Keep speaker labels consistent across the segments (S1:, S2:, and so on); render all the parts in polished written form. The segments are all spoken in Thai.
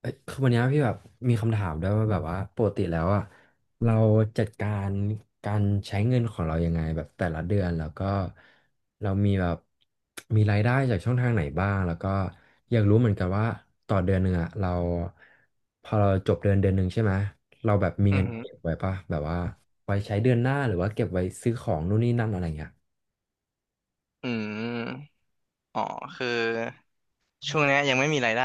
S1: เอ้ยคือวันเนี้ยพี่แบบมีคำถามด้วยว่าแบบว่าปกติแล้วอะเราจัดการการใช้เงินของเรายังไงแบบแต่ละเดือนแล้วก็เรามีแบบมีรายได้จากช่องทางไหนบ้างแล้วก็อยากรู้เหมือนกันว่าต่อเดือนหนึ่งอะเราพอเราจบเดือนเดือนหนึ่งใช่ไหมเราแบบมี
S2: อื
S1: เงิ
S2: อ
S1: น
S2: หือ
S1: เก็บไว้ปะแบบว่าไว้ใช้เดือนหน้าหรือว่าเก็บไว้ซื้อของนู่นนี่นั่นอะไรเงี้ย
S2: อืม อ๋อ คือช่วงเนี้ยยังไม่มีรายได้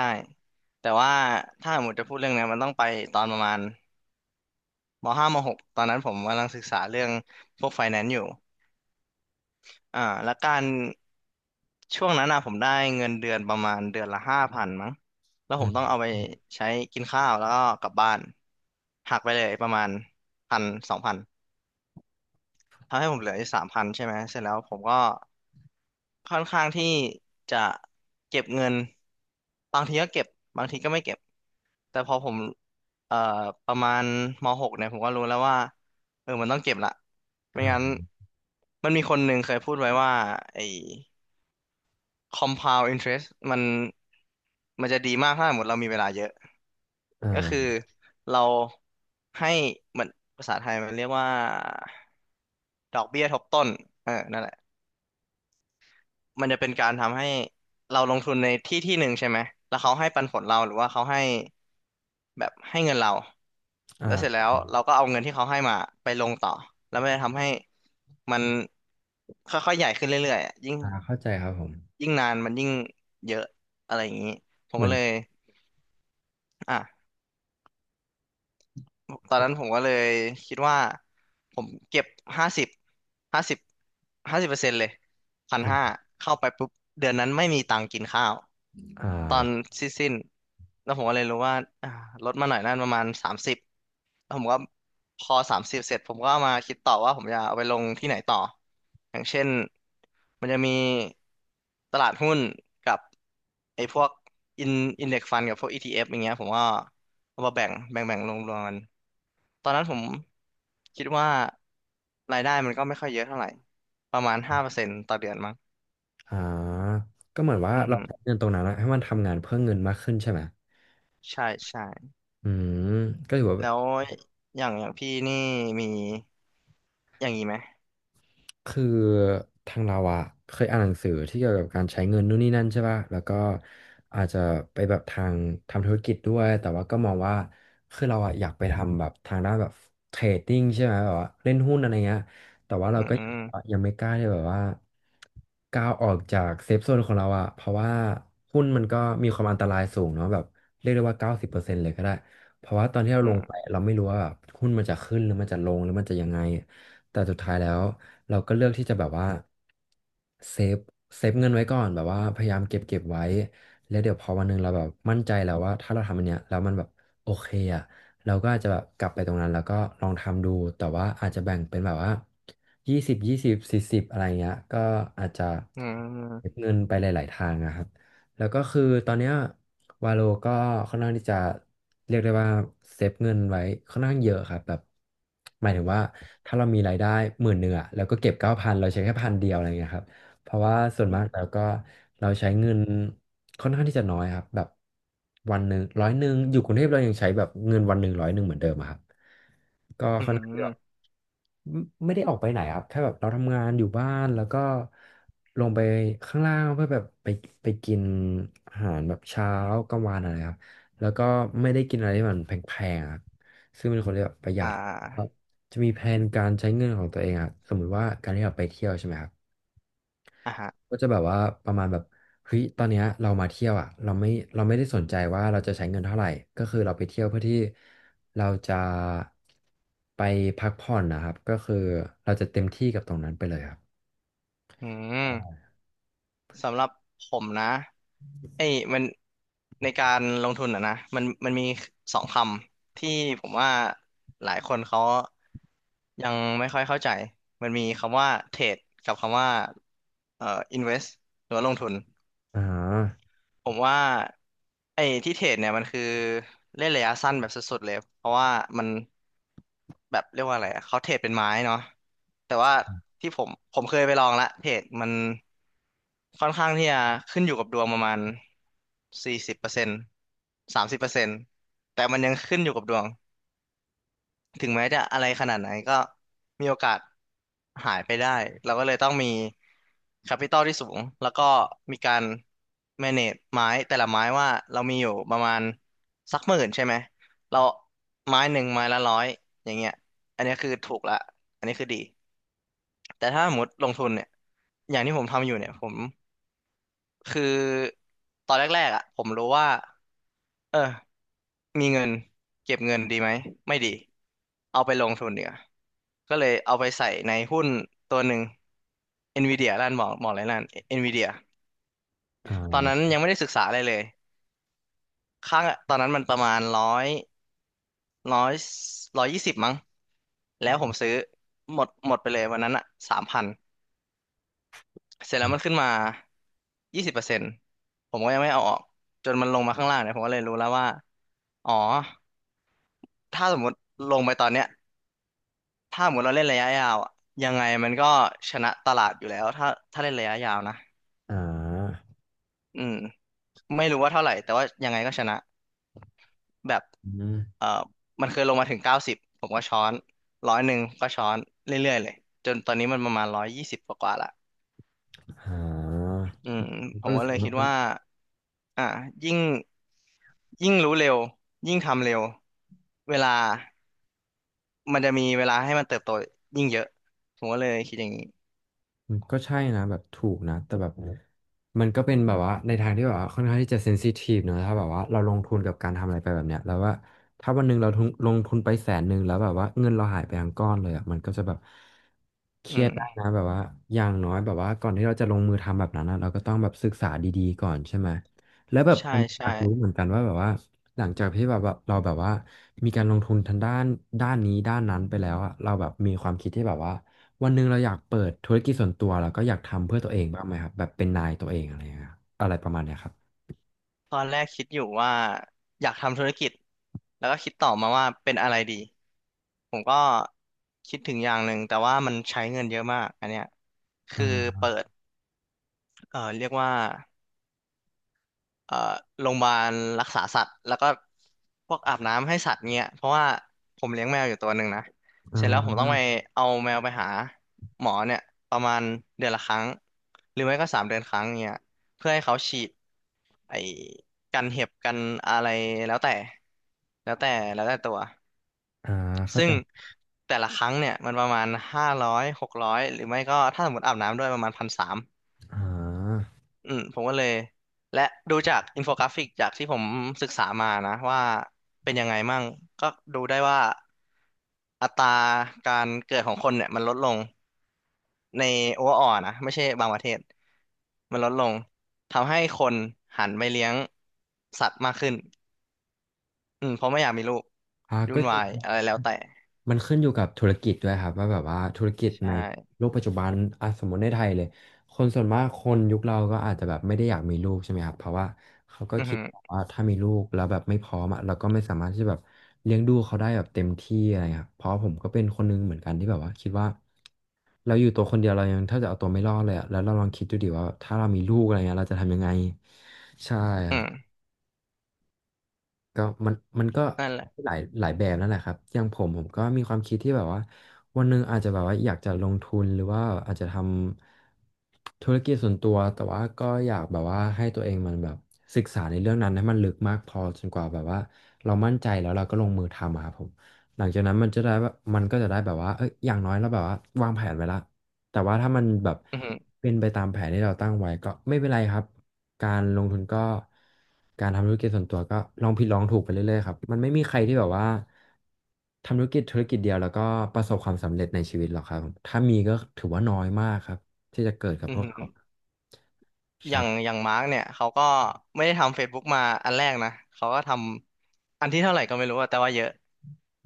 S2: แต่ว่าถ้าหมดจะพูดเรื่องเนี้ยมันต้องไปตอนประมาณมห้ามหกตอนนั้นผมกำลังศึกษาเรื่องพวกไฟแนนซ์อยู่แล้วการช่วงนั้นนะผมได้เงินเดือนประมาณเดือนละห้าพันมั้งแล้ว
S1: อื
S2: ผมต้อง
S1: ม
S2: เอาไปใช้กินข้าวแล้วก็กลับบ้านหักไปเลยประมาณพันสองพันทำให้ผมเหลืออยู่สามพันใช่ไหม เสร็จแล้วผมก็ ค่อนข้างที่จะเก็บเงิน บางทีก็เก็บ บางทีก็ไม่เก็บ แต่พอผมเอ่อประมาณมหกเนี่ยผมก็รู้แล้วว่าเออมันต้องเก็บละไม่งั้น
S1: อ่า
S2: มันมีคนหนึ่งเคยพูดไว้ว่าไอ้ compound interest มันมันจะดีมากถ้าสมมติเรามีเวลาเยอะ ก็คือ
S1: อ่า
S2: เราให้มันภาษาไทยมันเรียกว่าดอกเบี้ยทบต้นเออนั่นแหละ มันจะเป็นการทำให้เราลงทุนในที่ที่หนึ่งใช่ไหมแล้วเขาให้ปันผลเราหรือว่าเขาให้แบบให้เงินเรา
S1: อ่
S2: แล้วเสร็จ
S1: า
S2: แล้วเราก็เอาเงินที่เขาให้มาไปลงต่อแล้วมันจะทำให้มันค่อยๆใหญ่ขึ้นเรื่อยๆอะยิ่ง
S1: อ่าเข้าใจครับผม
S2: นานมันยิ่งเยอะอะไรอย่างนี้ผม
S1: เหมื
S2: ก็
S1: อน
S2: เลยอ่ะ ตอนนั้นผมก็เลยคิดว่าผมเก็บห้าสิบห้าสิบห้าสิบเปอร์เซ็นต์เลยพันห้าเข้าไปปุ๊บเดือนนั้นไม่มีตังค์กินข้าว
S1: อ่
S2: ตอน
S1: า
S2: สิ้นแล้วผมก็เลยรู้ว่าอ่าลดมาหน่อยนั่นประมาณสามสิบแล้วผมก็พอสามสิบเสร็จผมก็เอามาคิดต่อว่าผมจะเอาไปลงที่ไหนต่ออย่างเช่นมันจะมีตลาดหุ้นกับไอ้พวกอินอินเด็กซ์ฟันกับพวก ETF อฟอย่างเงี้ยผมก็เอามาแบ่งลงรวมกัน ตอนนั้นผมคิดว่ารายได้มันก็ไม่ค่อยเยอะเท่าไหร่ประมาณห้าเปอร์เซ็นต์ต่อเดือนมั้ง
S1: อ่าก็เหมือนว่า
S2: อือ
S1: เรา
S2: หือ
S1: ใช้เงินตรงนั้นอะให้มันทำงานเพื่อเงินมากขึ้นใช่ไหม
S2: ใช่ใช่
S1: อืมก็ถือว่า
S2: แล้วอย่างพี่นี่มีอย่างนี้ไหม
S1: คือทางเราอะเคยอ่านหนังสือที่เกี่ยวกับการใช้เงินนู่นนี่นั่นใช่ป่ะแล้วก็อาจจะไปแบบทางทำธุรกิจด้วย แต่ว่าก็มองว่าคือเราอะอยากไปทำแบบทางด้านแบบเทรดดิ้งใช่ไหมแบบว่าเล่นหุ้นอะไรเงี้ยแต่ว่าเรา
S2: อื
S1: ก็ยัง
S2: ม
S1: ยังไม่กล้าที่แบบว่าก้าวออกจากเซฟโซนของเราอะเพราะว่าหุ้นมันก็มีความอันตรายสูงเนาะแบบเรียกได้ว่า90%เลยก็ได้ เพราะว่าตอนที่เรา
S2: อื
S1: ลงไป
S2: ม
S1: เราไม่รู้ว่าแบบหุ้นมันจะขึ้นหรือมันจะลงหรือมันจะยังไง แต่สุดท้ายแล้วเราก็เลือกที่จะแบบว่าเซฟเซฟเงินไว้ก่อนแบบว่าพยายามเก็บไว้แล้วเดี๋ยวพอวันหนึงเราแบบมั่นใจแล้วว่าถ้าเราทำอันเนี้ยแล้วมันแบบโอเคอ่ะเราก็อาจจะแบบกลับไปตรงนั้นแล้วก็ลองทำดูแต่ว่าอาจจะแบ่งเป็นแบบว่ายี่สิบยี่สิบสี่สิบอะไรเงี้ยก็อาจจะ
S2: อื
S1: เก็บ
S2: ม
S1: เงินไปหลายๆทางนะครับ แล้วก็คือตอนเนี้ยวาโลก็ค่อนข้างที่จะเรียกได้ว่าเซฟเงินไว้ค่อนข้างเยอะครับแบบหมายถึงว่าถ้าเรามีรายได้10,000อะแล้วก็เก็บ9,000เราใช้แค่1,000อะไรเงี้ยครับเพราะว่าส่วน
S2: อื
S1: มา
S2: ม
S1: กแล้วก็เราใช้เงินค่อนข้างที่จะน้อยครับแบบวันหนึ่งร้อยหนึ่งอยู่กรุงเทพเรายังใช้แบบเงินวันหนึ่งร้อยหนึ่งเหมือนเดิมอะครับก็
S2: อืม
S1: ค่อน
S2: อืม
S1: ข้าง
S2: อ
S1: ที่จะ
S2: ม
S1: ไม่ไม่ได้ออกไปไหนครับแค่แบบเราทำงานอยู่บ้านแล้วก็ลงไปข้างล่างเพื่อแบบไปไปกินอาหารแบบเช้ากลางวันอะไรครับแล้วก็ไม่ได้กินอะไรที่มันแพงๆครับซึ่งเป็นคนที่แบบประหยั
S2: อ่
S1: ดครับ
S2: า
S1: จะมีแผนการใช้เงินของตัวเองอะสมมุติว่าการที่เราไปเที่ยวใช่ไหมครับ
S2: อ่ะฮะ
S1: ก็จะแบบว่าประมาณแบบเฮ้ยตอนเนี้ยเรามาเที่ยวอ่ะเราไม่ได้สนใจว่าเราจะใช้เงินเท่าไหร่ก็คือเราไปเที่ยวเพื่อที่เราจะไปพักผ่อนนะครับก็คือเราจะเต็มที่กับตรงนั้นไปเลยครับ
S2: อืม สำหรับผมนะไอ้มันในการลงทุนอะนะมันมีสองคำที่ผมว่าหลายคนเขายังไม่ค่อยเข้าใจมันมีคำว่าเทรดกับคำว่าเอ่อ invest หรือว่าลงทุน
S1: อ่า
S2: ผมว่าไอ้ที่เทรดเนี่ยมันคือเล่นระยะสั้นแบบสุดๆเลยเพราะว่ามันแบบเรียกว่าอะไรอะเขาเทรดเป็นไม้เนาะแต่ว่าที่ผมเคยไปลองละเทรดมันค่อนข้างที่จะขึ้นอยู่กับดวงประมาณสี่สิบเปอร์เซ็นต์สามสิบเปอร์เซ็นต์แต่มันยังขึ้นอยู่กับดวง ถึงแม้จะอะไรขนาดไหนก็มีโอกาสหายไปได้เราก็เลยต้องมีแคปิตอลที่สูงแล้วก็มีการ manage ไม้แต่ละไม้ว่าเรามีอยู่ประมาณสักหมื่นใช่ไหมเราไม้หนึ่งไม้ละร้อยอย่างเงี้ยอันนี้คือถูกละอันนี้คือดีแต่ถ้าสมมติลงทุนเนี่ยอย่างที่ผมทำอยู่เนี่ยผมคือตอนแรกๆอ่ะผมรู้ว่าเออ มีเงินเก็บเงินดีไหมไม่ดีเอาไปลงทุนเนีกว่ยก็เลยเอาไปใส่ในหุ้นตัวหนึ่ง Nvidia ร้านหมออะไรร้าน Nvidia ตอน
S1: อ่า
S2: นั้นยังไม่ได้ศึกษาอะไรเลยค่าตอนนั้นมันประมาณร้อยร้อยยี่สิบมั้งแล้วผมซื้อหมดไปเลยวันนั้นอะสามพันเสร็จแล้วมันขึ้นมายี่สิบเปอร์เซ็นต์ผมก็ยังไม่เอาออกจนมันลงมาข้างล่างเนี่ยผมก็เลยรู้แล้วว่าอ๋อถ้าสมมติลงไปตอนเนี้ย ถ้าเหมือนเราเล่นระยะยาวอะยังไงมันก็ชนะตลาดอยู่แล้วถ้าเล่นระยะยาวนะ
S1: อ่า
S2: อืมไม่รู้ว่าเท่าไหร่แต่ว่ายังไงก็ชนะแบบ
S1: อืม
S2: เอ่อมันเคยลงมาถึงเก้าสิบผมก็ช้อนร้อยหนึ่งก็ช้อนเรื่อยๆเลยจนตอนนี้มันประมาณร้อยยี่สิบกว่าๆละ
S1: อ่า
S2: อืมผ
S1: ก็
S2: ม
S1: รู้
S2: ก็
S1: สึก
S2: เลยคิ
S1: ว่า
S2: ด
S1: มัน
S2: ว่าอ่ะยิ่งรู้เร็วยิ่งทำเร็วเวลามันจะมีเวลาให้มันเติบโตยิ่งเยอะผมก็เลยคิดอย่างนี้
S1: อืมก็ใช่นะแบบถูกนะแต่แบบมันก็เป็นแบบว่าในทางที่แบบว่าค่อนข้างที่จะเซนซิทีฟเนอะถ้าแบบว่าเราลงทุนกับการทำอะไรไปแบบเนี้ยแล้วว่าถ้าวันหนึ่งเราทุนลงทุนไป100,000แล้วแบบว่าเงินเราหายไปทั้งก้อนเลยอ่ะมันก็จะแบบเค
S2: อื
S1: รียดได้
S2: ม
S1: นะแบบว่าอย่างน้อยแบบว่าก่อนที่เราจะลงมือทำแบบนั้นอะเราก็ต้องแบบศึกษาดีๆก่อนใช่ไหมแล้วแบบ
S2: ใช่
S1: อันอ
S2: ใช่
S1: ยากรู้เหมือนกันว่าแบบว่าหลังจากที่แบบว่าเราแบบว่ามีการลงทุนทางด้านด้านนี้ด้านนั้นไปแล้วอ่ะเราแบบมีความคิดที่แบบว่า วันหนึ่งเราอยากเปิดธุรกิจส่วนตัวแล้วก็อยากทำเพื่อตัวเองบ้างไหมครับแบบเป็นนายตัวเองอะไรอย่างเงี้ยครับอะไรประมาณเนี้ยครับ
S2: ตอนแรกคิดอยู่ว่าอยากทำธุรกิจแล้วก็คิดต่อมาว่าเป็นอะไรดีผมก็คิดถึงอย่างหนึ่งแต่ว่ามันใช้เงินเยอะมากอันเนี้ยคือ
S1: อ่า
S2: เปิดเรียกว่า เอ่อโรงพยาบาลรักษาสัตว์แล้วก็พวกอาบน้ำให้สัตว์เงี้ยเพราะว่าผมเลี้ยงแมวอยู่ตัวหนึ่งนะ
S1: อ่
S2: เสร็จแล้วผมต้องไป
S1: า
S2: เอาแมวไปหาหมอเนี่ยประมาณเดือนละครั้งหรือไม่ก็สามเดือนครั้งเงี้ยเพื่อให้เขาฉีดไอ้กันเห็บกันอะไรแล้วแต่แล้วแต่แล้วแต่ตัว
S1: อ่าเข้า
S2: ซึ่
S1: ใจ
S2: งแต่ละครั้งเนี่ยมันประมาณห้าร้อยหกร้อยหรือไม่ก็ถ้าสมมติอาบน้ำด้วยประมาณพันสาม
S1: อ่า
S2: อืมผมก็เลยและดูจากอินโฟกราฟิกจากที่ผมศึกษามานะว่าเป็นยังไงมั่งก็ดูได้ว่าอัตราการเกิดของคนเนี่ยมันลดลงในโอเวอร์ออนะไม่ใช่บางประเทศมันลดลงทำให้คนหันไปเลี้ยงสัตว์มากขึ้นอืมเพราะไม่อยากมีลูก
S1: อ่า
S2: ยุ่
S1: ก็
S2: น
S1: จริ
S2: วา
S1: ง
S2: ยอะไรแล้วแต่
S1: มันขึ้นอยู่กับธุรกิจด้วยครับว่าแบบว่าธุรกิจ
S2: ใช
S1: ใน
S2: ่
S1: โลกปัจจุบันอ่ะสมมติในไทยเลยคนส่วนมากคนยุคเราก็อาจจะแบบไม่ได้อยากมีลูกใช่ไหมครับเพราะว่าเขาก็
S2: อือ
S1: คิด
S2: หือ
S1: ว่าถ้ามีลูกแล้วแบบไม่พร้อมอ่ะเราก็ไม่สามารถที่จะแบบเลี้ยงดูเขาได้แบบเต็มที่อะไรครับเพราะผมก็เป็นคนหนึงเหมือนกันที่แบบว่าคิดว่าเราอยู่ตัวคนเดียวเรายังถ้าจะเอาตัวไม่รอดเลยอ่ะแล้วเราลองคิดดูดิว่าถ้าเรามีลูกอะไรเงี้ยเราจะทำยังไงใช่ค
S2: อื
S1: รับ
S2: ม
S1: ก็มันก็
S2: นั่นแหละ
S1: หลายหลายแบบนั่นแหละครับอย่างผมก็มีความคิดที่แบบว่าวันหนึ่งอาจจะแบบว่าอยากจะลงทุนหรือว่าอาจจะทำธุรกิจส่วนตัวแต่ว่าก็อยากแบบว่าให้ตัวเองมันแบบศึกษาในเรื่องนั้นให้มันลึกมากพอจนกว่าแบบว่าเรามั่นใจแล้วเราก็ลงมือทำอะครับผมหลังจากนั้นมันจะได้แบบมันก็จะได้แบบว่าเอ้ยอย่างน้อยเราแบบว่าวางแผนไว้ละ แต่ว่าถ้ามันแบบ
S2: อือหือ
S1: เป็นไปตามแผนที่เราตั้งไว้ก็ไม่เป็นไรครับการลงทุนก็การทำธุรกิจส่วนตัวก็ลองผิดลองถูกไปเรื่อยๆครับมันไม่มีใครที่แบบว่าทำธุรกิจเดียวแล้วก็ประสบความสำเร็จในชีวิตหรอกครับถ้ามีก็ถือว่าน้อยมากครับที่จะเกิดกับ
S2: อื
S1: พ
S2: อ
S1: วก
S2: หือ
S1: เขาใช่
S2: อย่างมาร์กเนี่ยเขาก็ไม่ได้ทำ Facebook มาอันแรกนะเขาก็ทำอันที่เท่าไหร่ก็ไม่รู้อะแต่ว่าเยอะ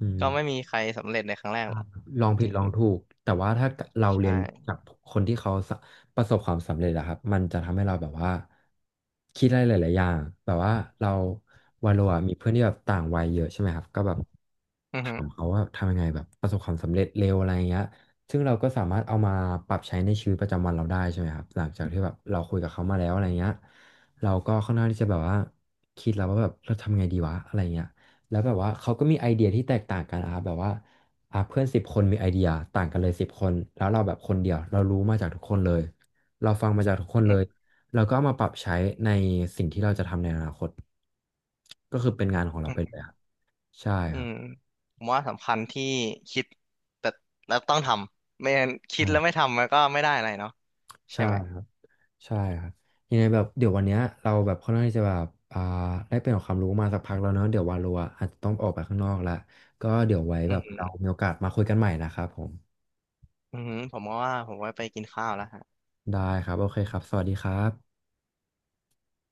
S1: อืม
S2: ก็ไม่มีใครสำเร็จในครั้งแรกหรอก
S1: ล
S2: จ
S1: องผิด
S2: ริง
S1: ลองถูกแต่ว่าถ้าเรา
S2: ๆ
S1: เรี
S2: ใช่
S1: ยนจากคนที่เขาสะประสบความสำเร็จอะครับมันจะทำให้เราแบบว่าคิดได้หลายๆอย่างแบบว่าเราวาโลอะมีเพื่อนที่แบบต่างวัยเยอะใช่ไหมครับก็แบบ
S2: อือ
S1: ถา
S2: ฮึ
S1: มเขาว่าทำยังไงแบบประสบความสำเร็จเร็วอะไรอย่างเงี้ยซึ่งเราก็สามารถเอามาปรับใช้ในชีวิตประจำวันเราได้ใช่ไหมครับหลังจากที่แบบเราคุยกับเขามาแล้วอะไรเงี้ยเราก็ค่อนข้างที่จะแบบว่าคิดแล้วว่าแบบเราทำไงดีวะอะไรเงี้ยแล้วแบบว่าเขาก็มีไอเดียที่แตกต่างกันนะครับแบบว่า อ่ะเพื่อน10คนมีไอเดียต่างกันเลยสิบคนแล้วเราแบบคนเดียวเรารู้มาจากทุกคนเลยเราฟังมาจากทุกคน
S2: อื
S1: เลย
S2: ม
S1: เราก็เอามาปรับใช้ในสิ่งที่เราจะทำในอนาคตก็คือเป็นงานของเรา
S2: อ
S1: ไปเล
S2: ม
S1: ยครับใช่
S2: อื
S1: ครับ
S2: มผมว่าสำคัญที่คิดแต่แล้วต้องทำไม่งั้นคิด
S1: ใช่
S2: แล้วไม่ทำมันก็ไม่ได้อะไรเนาะใช่
S1: ใช่
S2: ไหม
S1: ครับใช่ครับยังไงแบบเดี๋ยววันเนี้ยเราแบบค่อนข้างที่จะแบบอ่าได้เป็นของความรู้มาสักพักแล้วเนอะเดี๋ยววาโลอะอาจจะต้องออกไปข้างนอกละก็เดี๋ยวไว้
S2: อื
S1: แบ
S2: อ
S1: บเรา
S2: ฮึ
S1: มีโอกาสมาคุยกันใหม่นะครับผม
S2: อือฮึผมว่าไปกินข้าวแล้ว
S1: ได้ครับโอเคครับสวัสดีครับ